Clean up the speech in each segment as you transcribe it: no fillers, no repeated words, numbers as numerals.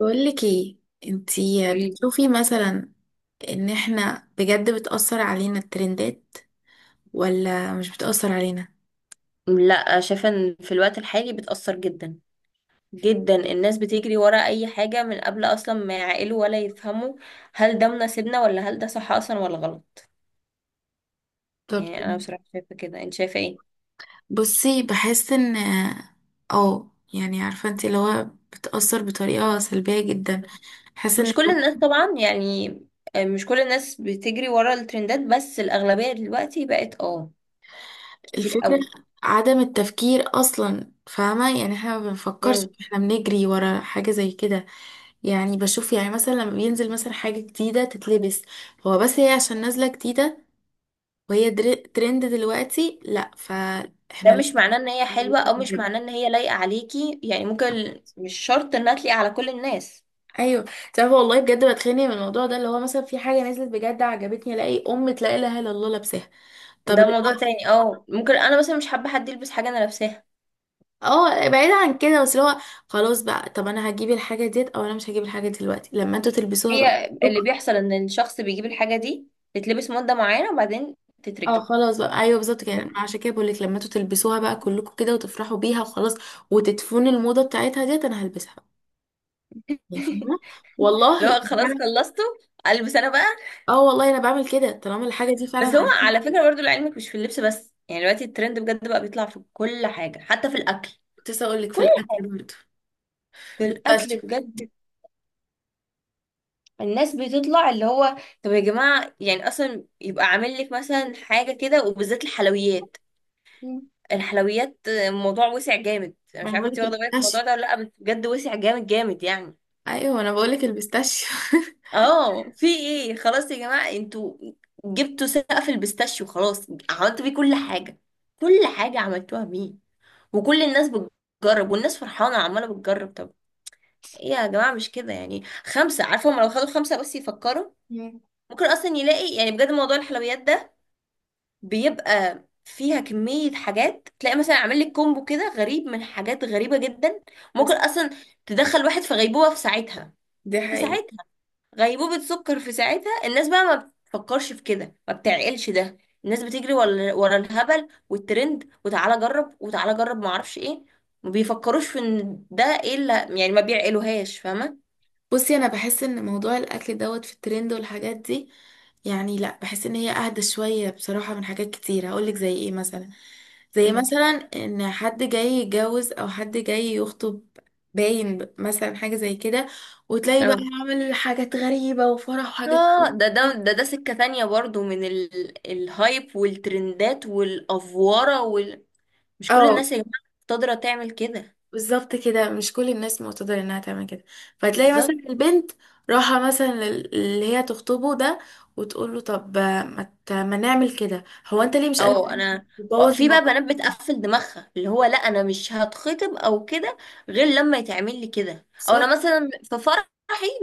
بقولك ايه، انتي قولي. بتشوفي مثلا ان احنا بجد بتأثر علينا الترندات ولا مش بتأثر علينا؟ لا، شايفة ان في الوقت الحالي بتأثر جدا جدا. الناس بتجري ورا اي حاجة من قبل اصلا ما يعقلوا ولا يفهموا هل ده مناسبنا ولا هل ده صح اصلا ولا غلط. طب يعني انا تمام. بصراحة شايفة كده، انت شايفة ايه؟ بصي، بحس ان اه يعني عارفة انتي اللي هو بتأثر بطريقة سلبية جدا. بحس ان مش كل الناس طبعا يعني. مش كل الناس بتجري ورا الترندات بس الاغلبية دلوقتي بقت كتير الفكرة قوي. عدم التفكير اصلا، فاهمة؟ يعني احنا ما بنفكرش، مم. احنا بنجري ورا حاجة زي كده. يعني بشوف يعني مثلا لما بينزل مثلا حاجة جديدة تتلبس، هو بس هي عشان نازلة جديدة، وهي ترند دلوقتي، لا ده فاحنا مش معناه ان هي حلوة او مش لازم- معناه ان هي لايقة عليكي، يعني ممكن مش شرط انها تليق على كل الناس. ايوه. تعرف والله بجد بتخانق من الموضوع ده اللي هو مثلا في حاجه نزلت بجد عجبتني، الاقي ام لا اله الا الله لابساها. طب ده اللي موضوع هو- تاني، ممكن انا مثلا مش حابة حد يلبس حاجة انا لابساها. اه، بعيد عن كده، بس اللي هو خلاص بقى، طب انا هجيب الحاجه ديت او انا مش هجيب الحاجه دلوقتي لما انتوا تلبسوها بقى هي اللي كلكم. بيحصل ان الشخص بيجيب الحاجة دي تتلبس مدة معينة وبعدين اه تتركن. خلاص بقى، ايوه بالظبط كده، أنا عشان كده بقول لك لما انتوا تلبسوها بقى كلكم كده وتفرحوا بيها وخلاص وتدفنوا الموضه بتاعتها ديت انا هلبسها، يعني فاهمه؟ والله. لو خلاص خلصته، البس انا بقى. اه والله انا بعمل كده طالما الحاجه دي فعلا بس هو عجبتني. على فكرة برضو لعلمك مش في اللبس بس، يعني دلوقتي الترند بجد بقى بيطلع في كل حاجة حتى في الأكل. كنت لسه اقول لك في كل الاكل برضه، في الأكل بيستاشيو. بجد الناس بتطلع اللي هو. طب يا جماعة، يعني أصلا يبقى عامل لك مثلا حاجة كده وبالذات الحلويات. مم. الحلويات الموضوع وسع جامد، أنا ما مش انا بقول عارفة انت لك واخدة بالك من الموضوع ده البيستاشيو، ولا لأ، بس بجد وسع جامد جامد يعني. ايوه انا بقول لك البيستاشيو اه في ايه؟ خلاص يا جماعة انتوا جبتوا سقف البيستاشيو، خلاص عملتوا بيه كل حاجة، كل حاجة عملتوها بيه، وكل الناس بتجرب والناس فرحانة عمالة بتجرب. طب ايه يا جماعة مش كده يعني؟ خمسة، عارفة، هما لو خدوا خمسة بس يفكروا مم. ممكن اصلا يلاقي، يعني بجد موضوع الحلويات ده بيبقى فيها كمية حاجات، تلاقي مثلا عامل لك كومبو كده غريب من حاجات غريبة جدا. بس ممكن اصلا تدخل واحد في غيبوبة في ساعتها، دي في حقيقة. ساعتها، غيبوبة سكر في ساعتها. الناس بقى ما بتفكرش في كده ما بتعقلش ده. الناس بتجري ورا الهبل والترند، وتعالى جرب وتعالى جرب ما اعرفش ايه. ما بيفكروش في ان ده ايه اللي، يعني ما بيعقلوهاش، فاهمة. بصي، انا بحس ان موضوع الاكل دوت في الترند والحاجات دي يعني لا، بحس ان هي اهدى شويه بصراحه من حاجات كتير، هقول لك زي ايه مثلا، زي مم. مثلا ان حد جاي يتجوز او حد جاي يخطب، باين مثلا حاجه زي كده، وتلاقي بقى اه عامل حاجات غريبه وفرح وحاجات. اه ده سكة تانية برضو من الهايب والترندات والأفوارة مش كل اه الناس يا جماعة قادرة تعمل كده. بالظبط كده، مش كل الناس معتذر انها تعمل كده. فتلاقي مثلا بالظبط. البنت راحة مثلا اللي هي تخطبه ده، وتقول له طب ما نعمل كده، هو انت ليه مش قادر اه تعمل كده، انا تبوظ في بقى بنات الموقف؟ بتقفل دماغها اللي هو لا انا مش هتخطب او كده، غير لما يتعمل لي كده، او صح. انا مثلا في فرحي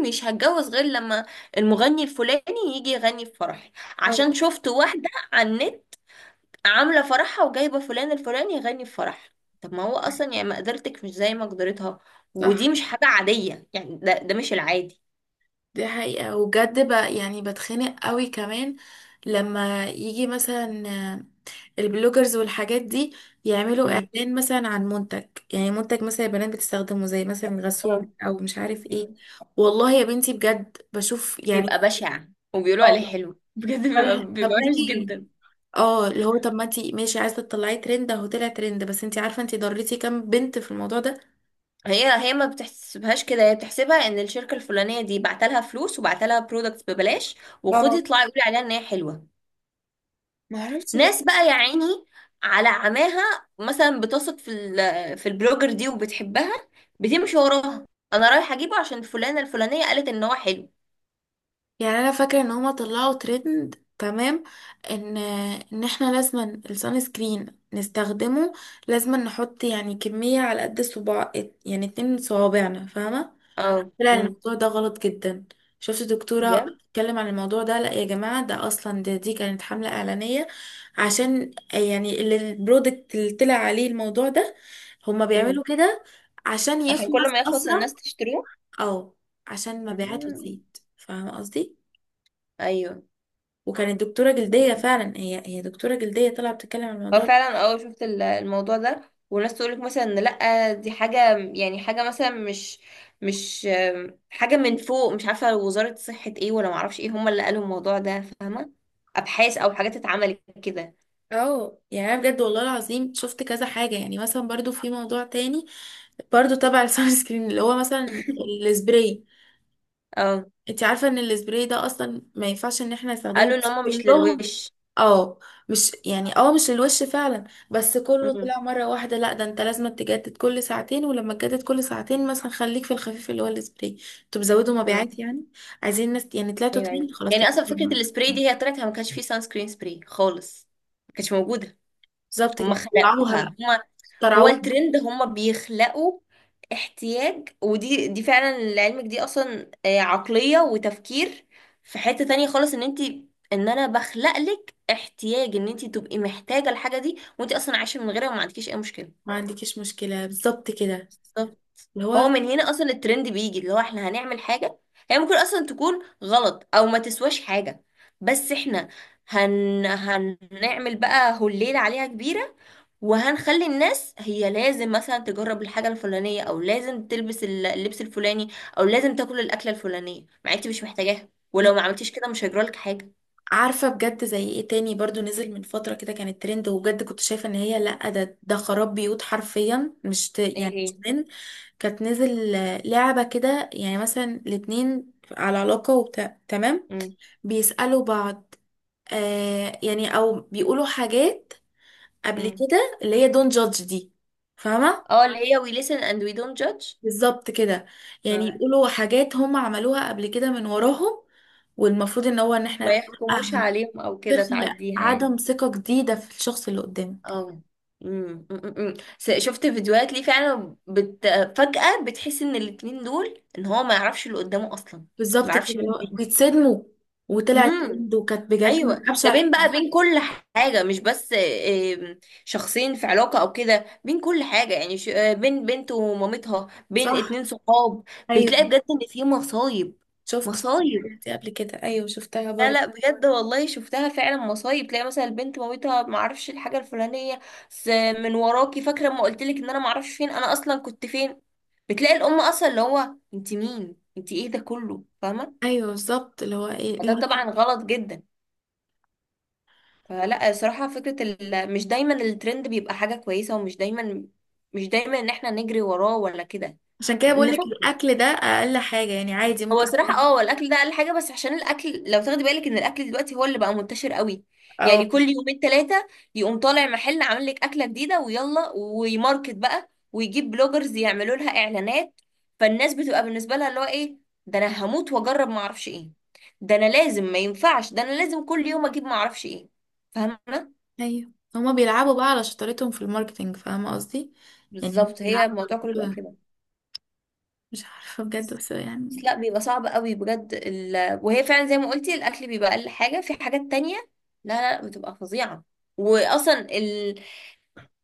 مش هتجوز غير لما المغني الفلاني يجي يغني في فرحي، أو عشان شفت واحدة على النت عاملة فرحها وجايبة فلان الفلاني يغني في فرحها. طب ما هو اصلا يعني مقدرتك مش زي مقدرتها، صح، ودي مش حاجة عادية يعني، ده مش العادي. دي حقيقة. وبجد بقى يعني بتخنق قوي كمان لما يجي مثلا البلوجرز والحاجات دي، يعملوا امم. اعلان مثلا عن منتج، يعني منتج مثلا البنات بتستخدمه زي مثلا اه. غسول او مش عارف ايه. مم. والله يا بنتي بجد بشوف يعني. بيبقى بشع وبيقولوا اه عليه حلو. بجد بيبقى طب بيبقى وحش ليه؟ جدا. اه اللي هو طب ما انتي ماشي عايزه تطلعي ترند، اهو طلع ترند، بس انتي عارفه انتي ضريتي كام بنت في الموضوع ده؟ هي ما بتحسبهاش كده، هي بتحسبها ان الشركه الفلانيه دي بعتلها فلوس وبعتلها برودكتس ببلاش، وخدي اه اطلعي قولي عليها ان هي حلوه. ما عرفتش ليه. ناس بقى يا عيني على عماها، مثلا بتثق في البلوجر دي وبتحبها، بتمشي وراها، انا رايحه اجيبه عشان فلانه الفلانيه قالت ان هو حلو. يعني انا فاكره ان هما طلعوا ترند، تمام؟ ان ان احنا لازما السان سكرين نستخدمه، لازما نحط يعني كميه على قد الصباع، يعني 2 من صوابعنا، فاهمه؟ اه. طلع امم. الموضوع ده غلط جدا. شفت دكتورة بجد. بتتكلم عن الموضوع ده، لا يا جماعة، ده أصلا، ده دي كانت حملة إعلانية عشان يعني البرودكت اللي طلع عليه الموضوع ده، هما مم. بيعملوا كده عشان عشان يخلص كل ما يخلص أسرع. الناس تشتريه. أو عشان مبيعاته مم. تزيد، فاهمة قصدي؟ ايوه. وكانت دكتورة جلدية فعلا، هي دكتورة جلدية طالعة بتتكلم عن هو الموضوع ده. فعلا شفت الموضوع ده، وناس تقولك مثلا إن لأ دي حاجة يعني حاجة مثلا مش مش آم، حاجة من فوق، مش عارفة وزارة صحة ايه ولا معرفش ايه هما اللي قالوا الموضوع ده، فاهمة. أبحاث أو حاجات اتعملت كده. اه يعني انا بجد والله العظيم شفت كذا حاجه يعني. مثلا برضو في موضوع تاني برضو تبع السان سكرين اللي هو مثلا السبراي. اه انت عارفة ان السبراي ده اصلا ما ينفعش ان احنا نستخدمه قالوا ان بس هما مش كلهم. للوش. اه مش يعني اه مش الوش فعلا، بس كله امم. طلع مرة واحدة، لا ده انت لازم تجدد كل ساعتين، ولما تجدد كل ساعتين مثلا خليك في الخفيف اللي هو السبراي. انتوا بتزودوا اه. مبيعات يعني، عايزين ناس يعني، طلعتوا ايوه ترند ايوه، خلاص يعني اصلا فكره تمام. السبراي دي هي طلعت، ما كانش فيه سان سكرين سبراي خالص، ما كانتش موجوده. بالظبط هما كده، طلعوها بقى، خلقوها هما. هو طلعوها. الترند هما بيخلقوا احتياج، ودي فعلا لعلمك، دي اصلا عقلية وتفكير في حتة تانية خالص، ان انا بخلق لك احتياج ان انت تبقي محتاجة الحاجة دي، وانت اصلا عايشة من غيرها وما عندكيش اي مشكلة. ما عندكيش مشكلة بالظبط كده بالظبط. اللي هو هو. من هنا اصلا الترند بيجي، اللي هو احنا هنعمل حاجة هي ممكن اصلا تكون غلط او ما تسواش حاجة، بس احنا هنعمل بقى هليلة عليها كبيرة، وهنخلي الناس هي لازم مثلا تجرب الحاجة الفلانية او لازم تلبس اللبس الفلاني، او لازم تاكل الأكلة الفلانية مع انت مش محتاجاها، ولو ما عملتيش كده مش هيجرالك حاجة. عارفة بجد زي ايه تاني برضو نزل من فترة كده كانت ترند، وبجد كنت شايفة ان هي لا، ده خراب بيوت حرفيا، مش ت... يعني مش ايه. ترند. كانت نزل لعبة كده يعني مثلا الاتنين على علاقة وبتاع، تمام؟ امم. بيسألوا بعض آه، يعني او بيقولوا حاجات قبل امم. كده اللي هي دون جادج دي، فاهمة؟ اه اللي هي we listen and we don't judge. بالظبط كده، يعني آه. يقولوا حاجات هم عملوها قبل كده من وراهم، والمفروض ان هو ان احنا ما نتوقع، يحكموش عليهم او كده، تخلق تعديها عدم يعني. ثقة جديدة في الشخص اللي قدامك. اه. شفت فيديوهات ليه فعلا فجأة بتحس ان الاتنين دول ان هو ما يعرفش اللي قدامه اصلا، بالظبط ما كده يعرفش اللي هو مين. بيتصدموا، دي. وطلعت ترند، وكانت بجد ايوه. من ده أبشع بين الحاجات. بقى، بين كل حاجه، مش بس شخصين في علاقه او كده، بين كل حاجه يعني، بين بنت ومامتها، بين صح. اتنين صحاب. بتلاقي أيوه، بجد ان في مصايب شفت مصايب. الحاجات دي قبل كده، أيوه شفتها لا برضه. لا، بجد والله شفتها فعلا مصايب، تلاقي مثلا البنت مامتها ما اعرفش الحاجه الفلانيه س- من وراكي، فاكره لما قلت لك ان انا ما اعرفش فين انا اصلا كنت فين. بتلاقي الام اصلا اللي هو انت مين، انت ايه، ده كله، فاهمه. أيوه بالظبط اللي هو إيه ده اللي... طبعا غلط جدا. فلا صراحة فكرة مش دايما الترند بيبقى حاجة كويسة، ومش دايما، مش دايما ان احنا نجري وراه ولا كده. عشان كده بقولك نفكر. الأكل ده أقل حاجة يعني عادي هو ممكن. صراحة هو الاكل ده اقل حاجة، بس عشان الاكل لو تاخدي بالك ان الاكل دلوقتي هو اللي بقى منتشر قوي، أو يعني كل يومين ثلاثة يقوم طالع محل عامل لك اكلة جديدة، ويلا ويماركت بقى ويجيب بلوجرز يعملوا لها اعلانات. فالناس بتبقى بالنسبة لها اللي هو ايه، ده انا هموت واجرب ما اعرفش ايه، ده انا لازم، ما ينفعش، ده انا لازم كل يوم اجيب ما اعرفش ايه، فاهمة. أيوه، هما بيلعبوا بقى على شطارتهم في الماركتينج، فاهمة قصدي؟ يعني هما بالظبط، هي بيلعبوا على الموضوع كله بيبقى الموضوع ده. كده. مش عارفة بجد بس بس يعني، لا، بيبقى صعب قوي بجد وهي فعلا زي ما قلتي الاكل بيبقى اقل حاجه، في حاجات تانية لا لا لا، بتبقى فظيعه، واصلا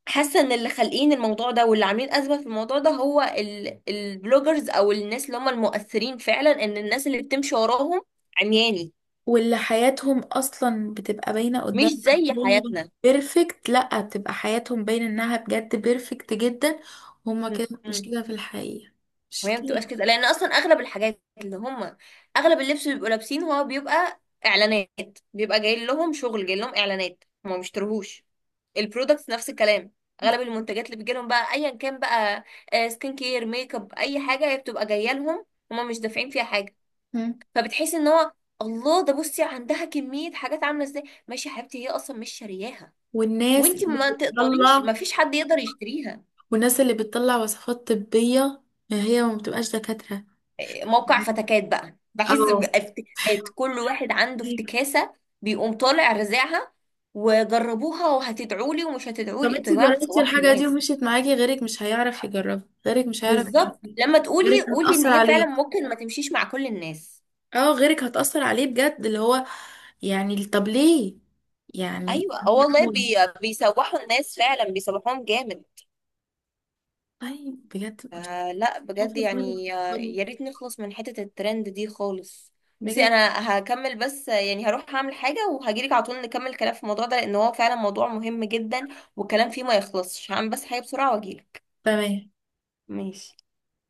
حاسه ان اللي خالقين الموضوع ده، واللي عاملين ازمه في الموضوع ده، هو البلوجرز او الناس اللي هم المؤثرين فعلا، ان الناس اللي بتمشي وراهم عمياني، واللي حياتهم اصلا بتبقى باينه مش قدامنا إن زي هي بيرفكت، لا بتبقى حياتهم باينه انها بجد بيرفكت جدا. هما كده حياتنا. مش كده في الحقيقه، مش وهي ما بتبقاش كده. كده، لان اصلا اغلب الحاجات اللي هم، اغلب اللبس اللي بيبقوا لابسينه هو بيبقى اعلانات، بيبقى جاي لهم شغل، جاي لهم اعلانات، هم ما بيشتروهوش. البرودكتس نفس الكلام، اغلب المنتجات اللي بتجي لهم بقى، ايا كان بقى سكين كير، ميك اب، اي حاجه هي بتبقى جايه لهم، هم مش دافعين فيها حاجه. مم. فبتحس ان هو، الله، ده بصي عندها كميه حاجات عامله ازاي، ماشي يا حبيبتي، هي اصلا مش شارياها، والناس وانتي اللي ما تقدريش، ما بتطلع، فيش حد يقدر يشتريها. والناس اللي بتطلع وصفات طبيه هي ما بتبقاش دكاتره. موقع فتكات بقى، بحس اه بافتكاسات، كل واحد عنده أيوة. افتكاسة، بيقوم طالع رزعها وجربوها وهتدعوا لي ومش هتدعوا طب لي، انت انتوا يا جماعة جربتي بتسوحوا الحاجه دي الناس. ومشيت معاكي، غيرك مش هيعرف يجربها، غيرك مش هيعرف بالظبط، يعمل، لما غيرك تقولي قولي ان هتأثر هي عليه. فعلا ممكن ما تمشيش مع كل الناس. اه غيرك هتأثر عليه بجد اللي هو، يعني طب ليه يعني؟ ايوه، اه والله بيسوحوا الناس فعلا، بيسوحوهم جامد. طيب بجد مش لا بجد عارفه ازاي يعني، بفكروا. يا ريت نخلص من حتة الترند دي خالص. بصي بجد انا هكمل بس، يعني هروح هعمل حاجة وهجيلك على طول نكمل الكلام في الموضوع ده، لان هو فعلا موضوع مهم جدا والكلام فيه ما يخلصش، هعمل بس حاجة بسرعة واجيلك. تمام ماشي.